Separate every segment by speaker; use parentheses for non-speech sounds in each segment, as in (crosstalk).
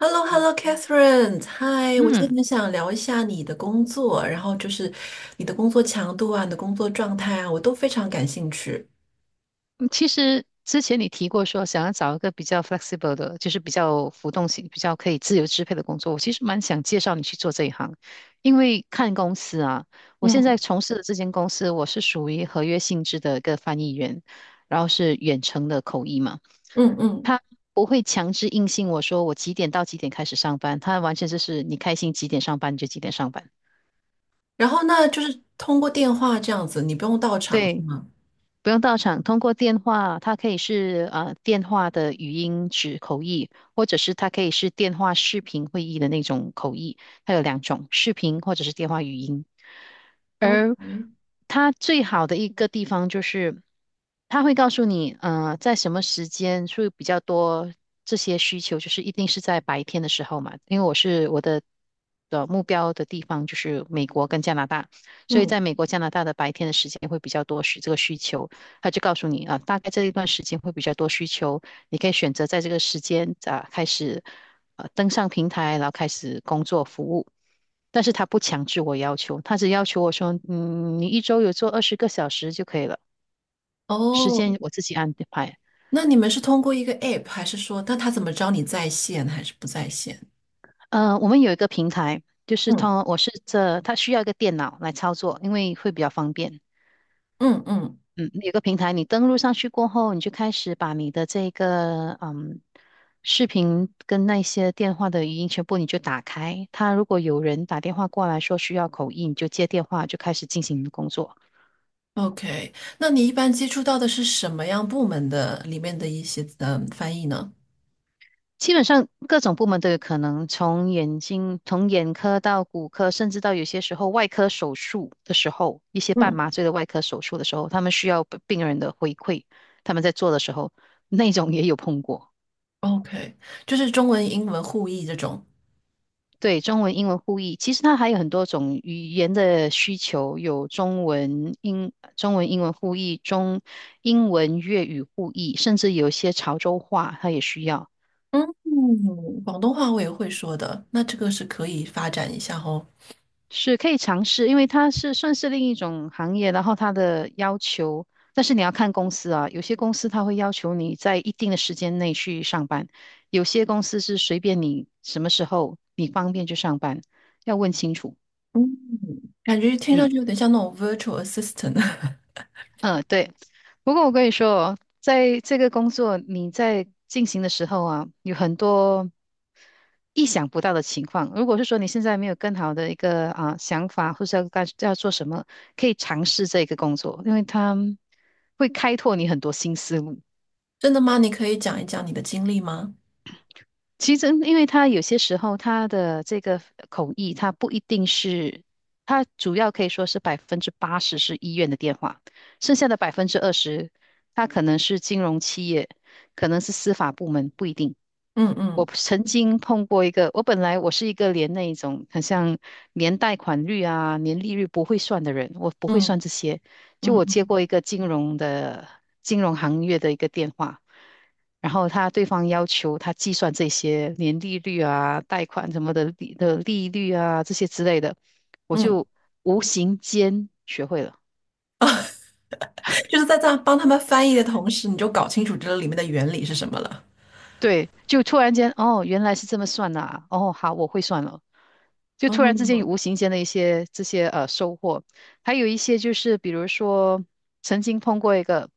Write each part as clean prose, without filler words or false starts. Speaker 1: h e l l o h e l
Speaker 2: 嗯，
Speaker 1: l o c a t h e r i n e 嗨，我今天
Speaker 2: 嗯
Speaker 1: 很想聊一下你的工作，然后就是你的工作强度啊，你的工作状态啊，我都非常感兴趣。
Speaker 2: 其实之前你提过说想要找一个比较 flexible 的，就是比较浮动性、比较可以自由支配的工作。我其实蛮想介绍你去做这一行，因为看公司啊，我现在
Speaker 1: 嗯
Speaker 2: 从事的这间公司，我是属于合约性质的一个翻译员，然后是远程的口译嘛。
Speaker 1: 嗯嗯
Speaker 2: 他不会强制硬性我说我几点到几点开始上班，他完全就是你开心几点上班你就几点上班。
Speaker 1: 然后那就是通过电话这样子，你不用到场是
Speaker 2: 对，
Speaker 1: 吗
Speaker 2: 不用到场，通过电话，它可以是电话的语音指口译，或者是它可以是电话视频会议的那种口译，它有两种，视频或者是电话语音。而
Speaker 1: ？OK，
Speaker 2: 它最好的一个地方就是，它会告诉你，在什么时间会比较多这些需求，就是一定是在白天的时候嘛，因为我的目标的地方就是美国跟加拿大。所以
Speaker 1: 嗯，
Speaker 2: 在美国、加拿大的白天的时间会比较多这个需求，他就告诉你啊，大概这一段时间会比较多需求，你可以选择在这个时间啊开始登上平台，然后开始工作服务。但是他不强制我要求，他只要求我说，嗯，你一周有做20个小时就可以了，时
Speaker 1: 哦，
Speaker 2: 间我自己安排。
Speaker 1: 那你们是通过一个 App，还是说，那他怎么知道你在线还是不在线？
Speaker 2: 我们有一个平台，就是
Speaker 1: 嗯
Speaker 2: 他我是这，他需要一个电脑来操作，因为会比较方便。
Speaker 1: 嗯嗯，
Speaker 2: 嗯，有个平台，你登录上去过后，你就开始把你的这个视频跟那些电话的语音全部你就打开。他如果有人打电话过来说需要口译，你就接电话，就开始进行你的工作。
Speaker 1: ？OK，那你一般接触到的是什么样部门的里面的一些翻译呢？
Speaker 2: 基本上各种部门都有可能，从眼睛、从眼科到骨科，甚至到有些时候外科手术的时候，一些半
Speaker 1: 嗯。
Speaker 2: 麻醉的外科手术的时候，他们需要病人的回馈，他们在做的时候，那种也有碰过。
Speaker 1: OK，就是中文、英文互译这种。
Speaker 2: 对，中文、英文互译，其实它还有很多种语言的需求，有中文、英文互译，中英文、粤语互译，甚至有一些潮州话，它也需要，
Speaker 1: 嗯，广东话我也会说的，那这个是可以发展一下哦。
Speaker 2: 是可以尝试，因为它是算是另一种行业，然后它的要求，但是你要看公司啊，有些公司它会要求你在一定的时间内去上班，有些公司是随便你什么时候你方便就上班，要问清楚。
Speaker 1: 嗯，感觉听上
Speaker 2: 嗯。
Speaker 1: 去有点像那种 virtual assistant。(laughs)
Speaker 2: 嗯，对。不过我跟你说哦，在这个工作你在进行的时候啊，有很多意想不到的情况。如果是说你现在没有更好的一个啊想法，或是要做什么，可以尝试这个工作，因为它会开拓你很多新思路。
Speaker 1: 真的吗？你可以讲一讲你的经历吗？
Speaker 2: 其实，因为他有些时候他的这个口译，他不一定是，他主要可以说是80%是医院的电话，剩下的20%，它可能是金融企业，可能是司法部门，不一定。
Speaker 1: 嗯
Speaker 2: 我
Speaker 1: 嗯
Speaker 2: 曾经碰过一个，我本来我是一个连那一种很像连贷款率啊、年利率不会算的人，我不会
Speaker 1: 嗯
Speaker 2: 算这些。就
Speaker 1: 嗯
Speaker 2: 我接
Speaker 1: 嗯
Speaker 2: 过一个金融行业的一个电话，然后他对方要求他计算这些年利率啊、贷款什么的利率啊这些之类的，我
Speaker 1: 嗯，
Speaker 2: 就无形间学会了。
Speaker 1: 就是在这样帮他们翻译的同时，你就搞清楚这个里面的原理是什么了。
Speaker 2: 对，就突然间哦，原来是这么算的啊哦，好，我会算了。就突然之间有
Speaker 1: 哦
Speaker 2: 无形间的一些这些收获，还有一些就是比如说曾经碰过一个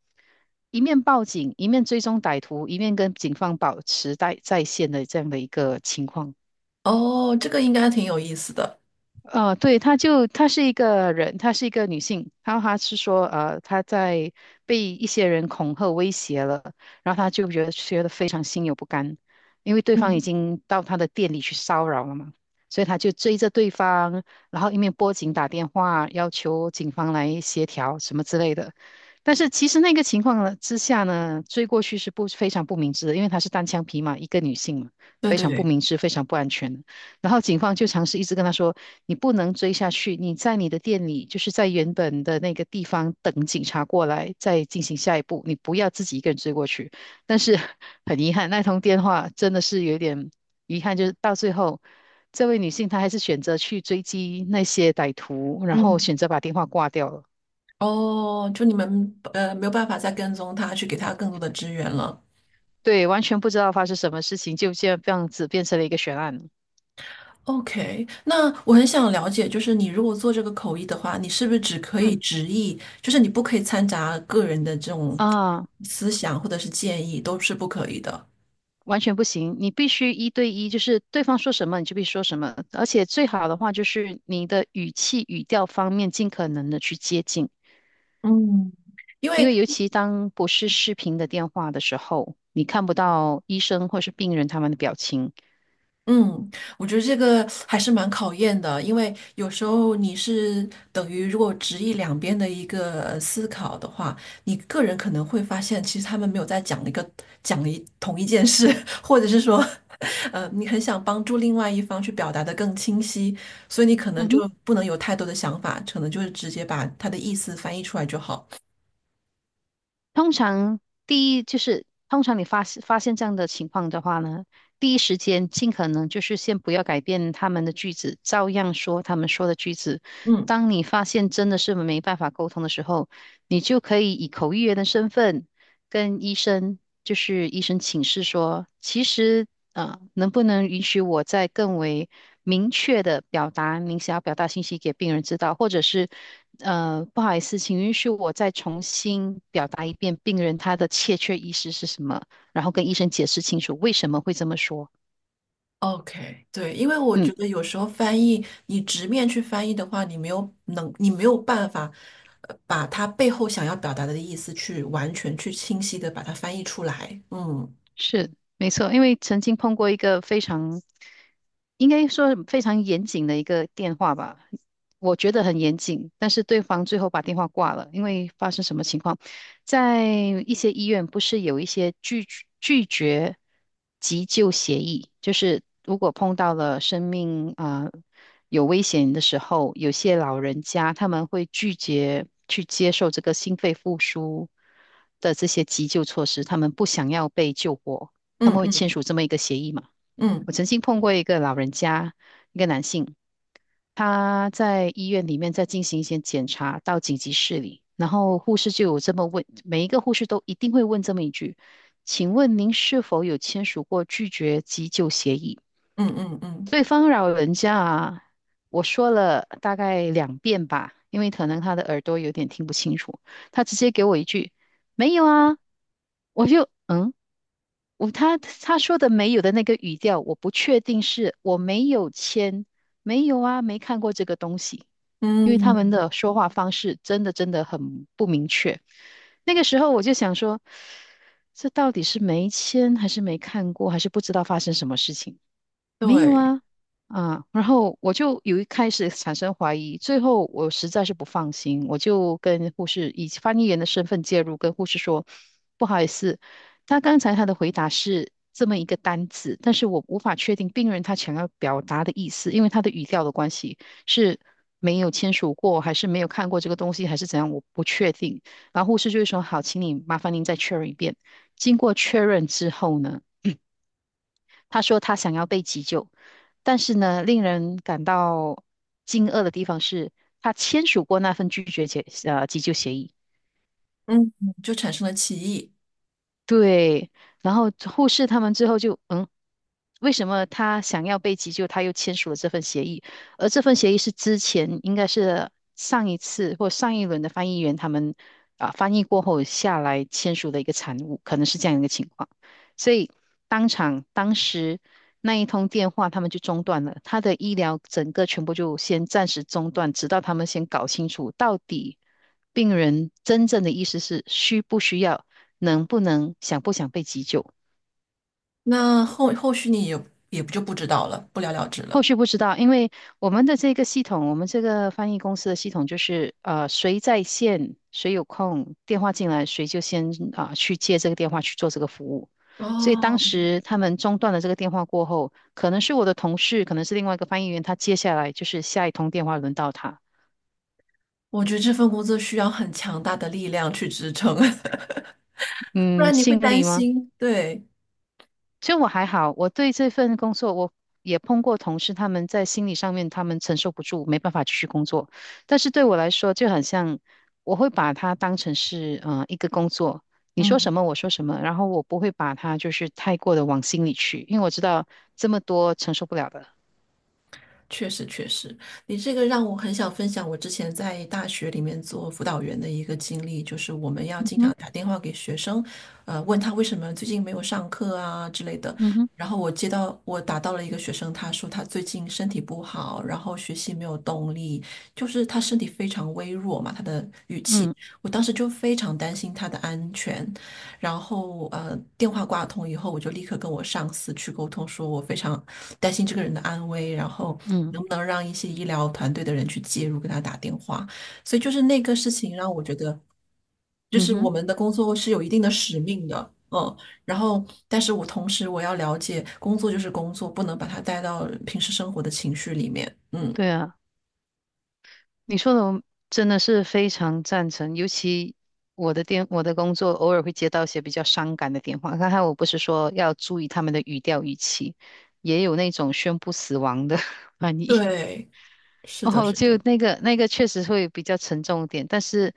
Speaker 2: 一面报警，一面追踪歹徒，一面跟警方保持在线的这样的一个情况。
Speaker 1: 哦，这个应该挺有意思的。
Speaker 2: 对，她是一个人，她是一个女性，然后她是说，她在被一些人恐吓威胁了，然后她就觉得非常心有不甘，因为对方已
Speaker 1: 嗯，
Speaker 2: 经到她的店里去骚扰了嘛，所以她就追着对方，然后一面拨警打电话要求警方来协调什么之类的，但是其实那个情况呢之下呢，追过去是不非常不明智的，因为她是单枪匹马一个女性嘛，
Speaker 1: 对
Speaker 2: 非
Speaker 1: 对
Speaker 2: 常不
Speaker 1: 对，
Speaker 2: 明智，非常不安全的。然后警方就尝试一直跟他说：“你不能追下去，你在你的店里，就是在原本的那个地方等警察过来，再进行下一步。你不要自己一个人追过去。”但是很遗憾，那通电话真的是有点遗憾，就是到最后，这位女性她还是选择去追击那些歹徒，然后
Speaker 1: 嗯，
Speaker 2: 选择把电话挂掉了。
Speaker 1: 哦，就你们没有办法再跟踪他，去给他更多的支援了。
Speaker 2: 对，完全不知道发生什么事情，就这样子变成了一个悬案。
Speaker 1: OK，那我很想了解，就是你如果做这个口译的话，你是不是只可以
Speaker 2: 嗯
Speaker 1: 直译？就是你不可以掺杂个人的这种
Speaker 2: 啊。
Speaker 1: 思想或者是建议，都是不可以的。
Speaker 2: 完全不行，你必须一对一，就是对方说什么你就必须说什么，而且最好的话就是你的语气、语调方面尽可能的去接近，
Speaker 1: 嗯，因
Speaker 2: 因
Speaker 1: 为
Speaker 2: 为尤其当不是视频的电话的时候，你看不到医生或是病人他们的表情。
Speaker 1: 嗯，我觉得这个还是蛮考验的，因为有时候你是等于如果直译两边的一个思考的话，你个人可能会发现，其实他们没有在讲一个讲一同一件事，(laughs) 或者是说，你很想帮助另外一方去表达的更清晰，所以你可能
Speaker 2: 嗯哼。
Speaker 1: 就不能有太多的想法，可能就是直接把他的意思翻译出来就好。
Speaker 2: 通常第一就是，通常你发现这样的情况的话呢，第一时间尽可能就是先不要改变他们的句子，照样说他们说的句子。
Speaker 1: 嗯。
Speaker 2: 当你发现真的是没办法沟通的时候，你就可以以口译员的身份跟医生，就是医生请示说，其实能不能允许我再更为明确的表达您想要表达信息给病人知道，或者是不好意思，请允许我再重新表达一遍病人他的欠缺意识是什么，然后跟医生解释清楚为什么会这么说。
Speaker 1: OK，对，因为我
Speaker 2: 嗯。
Speaker 1: 觉得有时候翻译，你直面去翻译的话，你没有能，你没有办法，把它背后想要表达的意思去完全去清晰的把它翻译出来。嗯
Speaker 2: 是，没错，因为曾经碰过一个非常，应该说非常严谨的一个电话吧，我觉得很严谨，但是对方最后把电话挂了，因为发生什么情况，在一些医院不是有一些拒绝急救协议，就是如果碰到了生命啊。有危险的时候，有些老人家他们会拒绝去接受这个心肺复苏的这些急救措施，他们不想要被救活，他
Speaker 1: 嗯
Speaker 2: 们会签
Speaker 1: 嗯
Speaker 2: 署这么一个协议嘛？
Speaker 1: 嗯
Speaker 2: 我曾经碰过一个老人家，一个男性，他在医院里面在进行一些检查，到紧急室里，然后护士就有这么问，每一个护士都一定会问这么一句：“请问您是否有签署过拒绝急救协议？”
Speaker 1: 嗯嗯嗯
Speaker 2: 对方老人家啊，我说了大概2遍吧，因为可能他的耳朵有点听不清楚，他直接给我一句“没有啊”，我就嗯，我他说的“没有”的那个语调，我不确定是我没有签，没有啊，没看过这个东西，
Speaker 1: 嗯，
Speaker 2: 因为他们
Speaker 1: 嗯
Speaker 2: 的说话方式真的很不明确。那个时候我就想说，这到底是没签还是没看过，还是不知道发生什么事情？没有
Speaker 1: 对，
Speaker 2: 啊，然后我就有一开始产生怀疑，最后我实在是不放心，我就跟护士以翻译员的身份介入，跟护士说，不好意思，他刚才他的回答是这么一个单字，但是我无法确定病人他想要表达的意思，因为他的语调的关系是没有签署过，还是没有看过这个东西，还是怎样，我不确定。然后护士就会说，好，请你麻烦您再确认一遍。经过确认之后呢？他说他想要被急救，但是呢，令人感到惊愕的地方是，他签署过那份拒绝急救协议。
Speaker 1: 嗯，就产生了歧义。
Speaker 2: 对，然后护士他们之后就为什么他想要被急救，他又签署了这份协议，而这份协议是之前应该是上一次或上一轮的翻译员他们啊翻译过后下来签署的一个产物，可能是这样一个情况。所以当场当时那一通电话他们就中断了，他的医疗整个全部就先暂时中断，直到他们先搞清楚到底病人真正的意思是需不需要，能不能想不想被急救。
Speaker 1: 那后续你也不就不知道了，不了了之
Speaker 2: 后
Speaker 1: 了。
Speaker 2: 续不知道，因为我们的这个系统，我们这个翻译公司的系统就是，谁在线，谁有空，电话进来，谁就先啊、去接这个电话去做这个服务。
Speaker 1: 哦，
Speaker 2: 所以当时他们中断了这个电话过后，可能是我的同事，可能是另外一个翻译员，他接下来就是下一通电话轮到他。
Speaker 1: 我觉得这份工作需要很强大的力量去支撑，(laughs) 不
Speaker 2: 嗯，
Speaker 1: 然你会
Speaker 2: 心
Speaker 1: 担
Speaker 2: 理吗？
Speaker 1: 心。对，
Speaker 2: 其实我还好，我对这份工作，我也碰过同事，他们在心理上面他们承受不住，没办法继续工作。但是对我来说，就很像，我会把它当成是一个工作，你说
Speaker 1: 嗯。
Speaker 2: 什么我说什么，然后我不会把它就是太过的往心里去，因为我知道这么多承受不了的。
Speaker 1: 确实，确实，你这个让我很想分享我之前在大学里面做辅导员的一个经历，就是我们要
Speaker 2: 嗯
Speaker 1: 经常
Speaker 2: 哼，
Speaker 1: 打电话给学生，问他为什么最近没有上课啊之类的。
Speaker 2: 嗯哼，
Speaker 1: 然后我打到了一个学生，他说他最近身体不好，然后学习没有动力，就是他身体非常微弱嘛，他的语气，
Speaker 2: 嗯
Speaker 1: 我当时就非常担心他的安全，然后电话挂通以后，我就立刻跟我上司去沟通，说我非常担心这个人的安危，然后能
Speaker 2: 嗯
Speaker 1: 不能让一些医疗团队的人去介入，给他打电话。所以就是那个事情让我觉得，就
Speaker 2: 嗯
Speaker 1: 是我
Speaker 2: 哼，
Speaker 1: 们的工作是有一定的使命的，嗯。然后，但是我同时我要了解，工作就是工作，不能把它带到平时生活的情绪里面，嗯，
Speaker 2: 对啊。你说的我真的是非常赞成，尤其我的工作偶尔会接到一些比较伤感的电话。刚才我不是说要注意他们的语调语气，也有那种宣布死亡的 (laughs) 翻译，
Speaker 1: 对，是的，
Speaker 2: 哦，
Speaker 1: 是
Speaker 2: 就
Speaker 1: 的。
Speaker 2: 那个确实会比较沉重一点。但是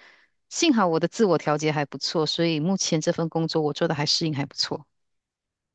Speaker 2: 幸好我的自我调节还不错，所以目前这份工作我做的还适应还不错。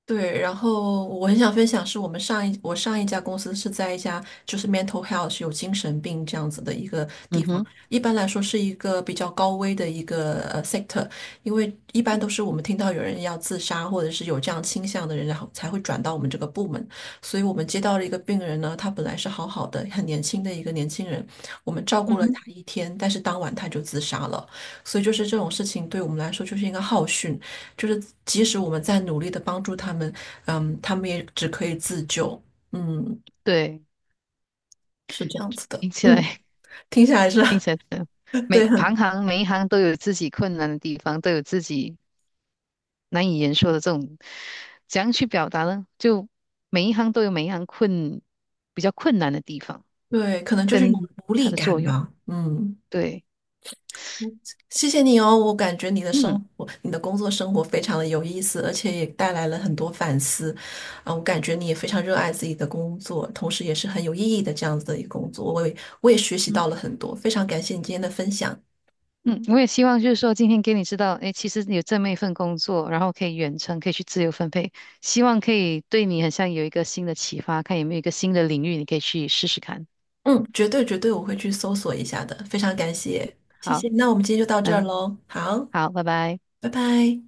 Speaker 1: 对，然后我很想分享是我们我上一家公司是在一家就是 mental health 有精神病这样子的一个
Speaker 2: 嗯
Speaker 1: 地方，
Speaker 2: 哼，
Speaker 1: 一般来说是一个比较高危的一个sector，因为一般都是我们听到有人要自杀或者是有这样倾向的人，然后才会转到我们这个部门，所以我们接到了一个病人呢，他本来是好好的，很年轻的一个年轻人，我们照顾
Speaker 2: 嗯
Speaker 1: 了
Speaker 2: 哼，
Speaker 1: 他一天，但是当晚他就自杀了。所以就是这种事情对我们来说就是一个浩训，就是即使我们在努力的帮助他们，嗯，他们也只可以自救，嗯，
Speaker 2: 对，
Speaker 1: 是这样子的，
Speaker 2: 听起
Speaker 1: 嗯，
Speaker 2: 来
Speaker 1: 听起来是
Speaker 2: (laughs) 听起来真的
Speaker 1: (laughs)，对，很
Speaker 2: 每一行都有自己困难的地方，都有自己难以言说的这种，怎样去表达呢？就每一行都有每一行比较困难的地方，
Speaker 1: 对，可能就是一种无
Speaker 2: 它
Speaker 1: 力
Speaker 2: 的作
Speaker 1: 感
Speaker 2: 用。
Speaker 1: 吧，嗯，
Speaker 2: 对，
Speaker 1: 谢谢你哦，我感觉你的生
Speaker 2: 嗯
Speaker 1: 活，你的工作生活非常的有意思，而且也带来了很多反思，啊，我感觉你也非常热爱自己的工作，同时也是很有意义的这样子的一个工作，我也学习
Speaker 2: 嗯
Speaker 1: 到了很多，非常感谢你今天的分享。
Speaker 2: 嗯，我也希望就是说今天给你知道，哎，其实有这么一份工作，然后可以远程，可以去自由分配，希望可以对你很像有一个新的启发，看有没有一个新的领域你可以去试试看。
Speaker 1: 嗯，绝对绝对我会去搜索一下的，非常感谢，谢
Speaker 2: 好，
Speaker 1: 谢。那我们今天就到这儿
Speaker 2: 嗯，
Speaker 1: 喽，好，
Speaker 2: 好，拜拜。
Speaker 1: 拜拜。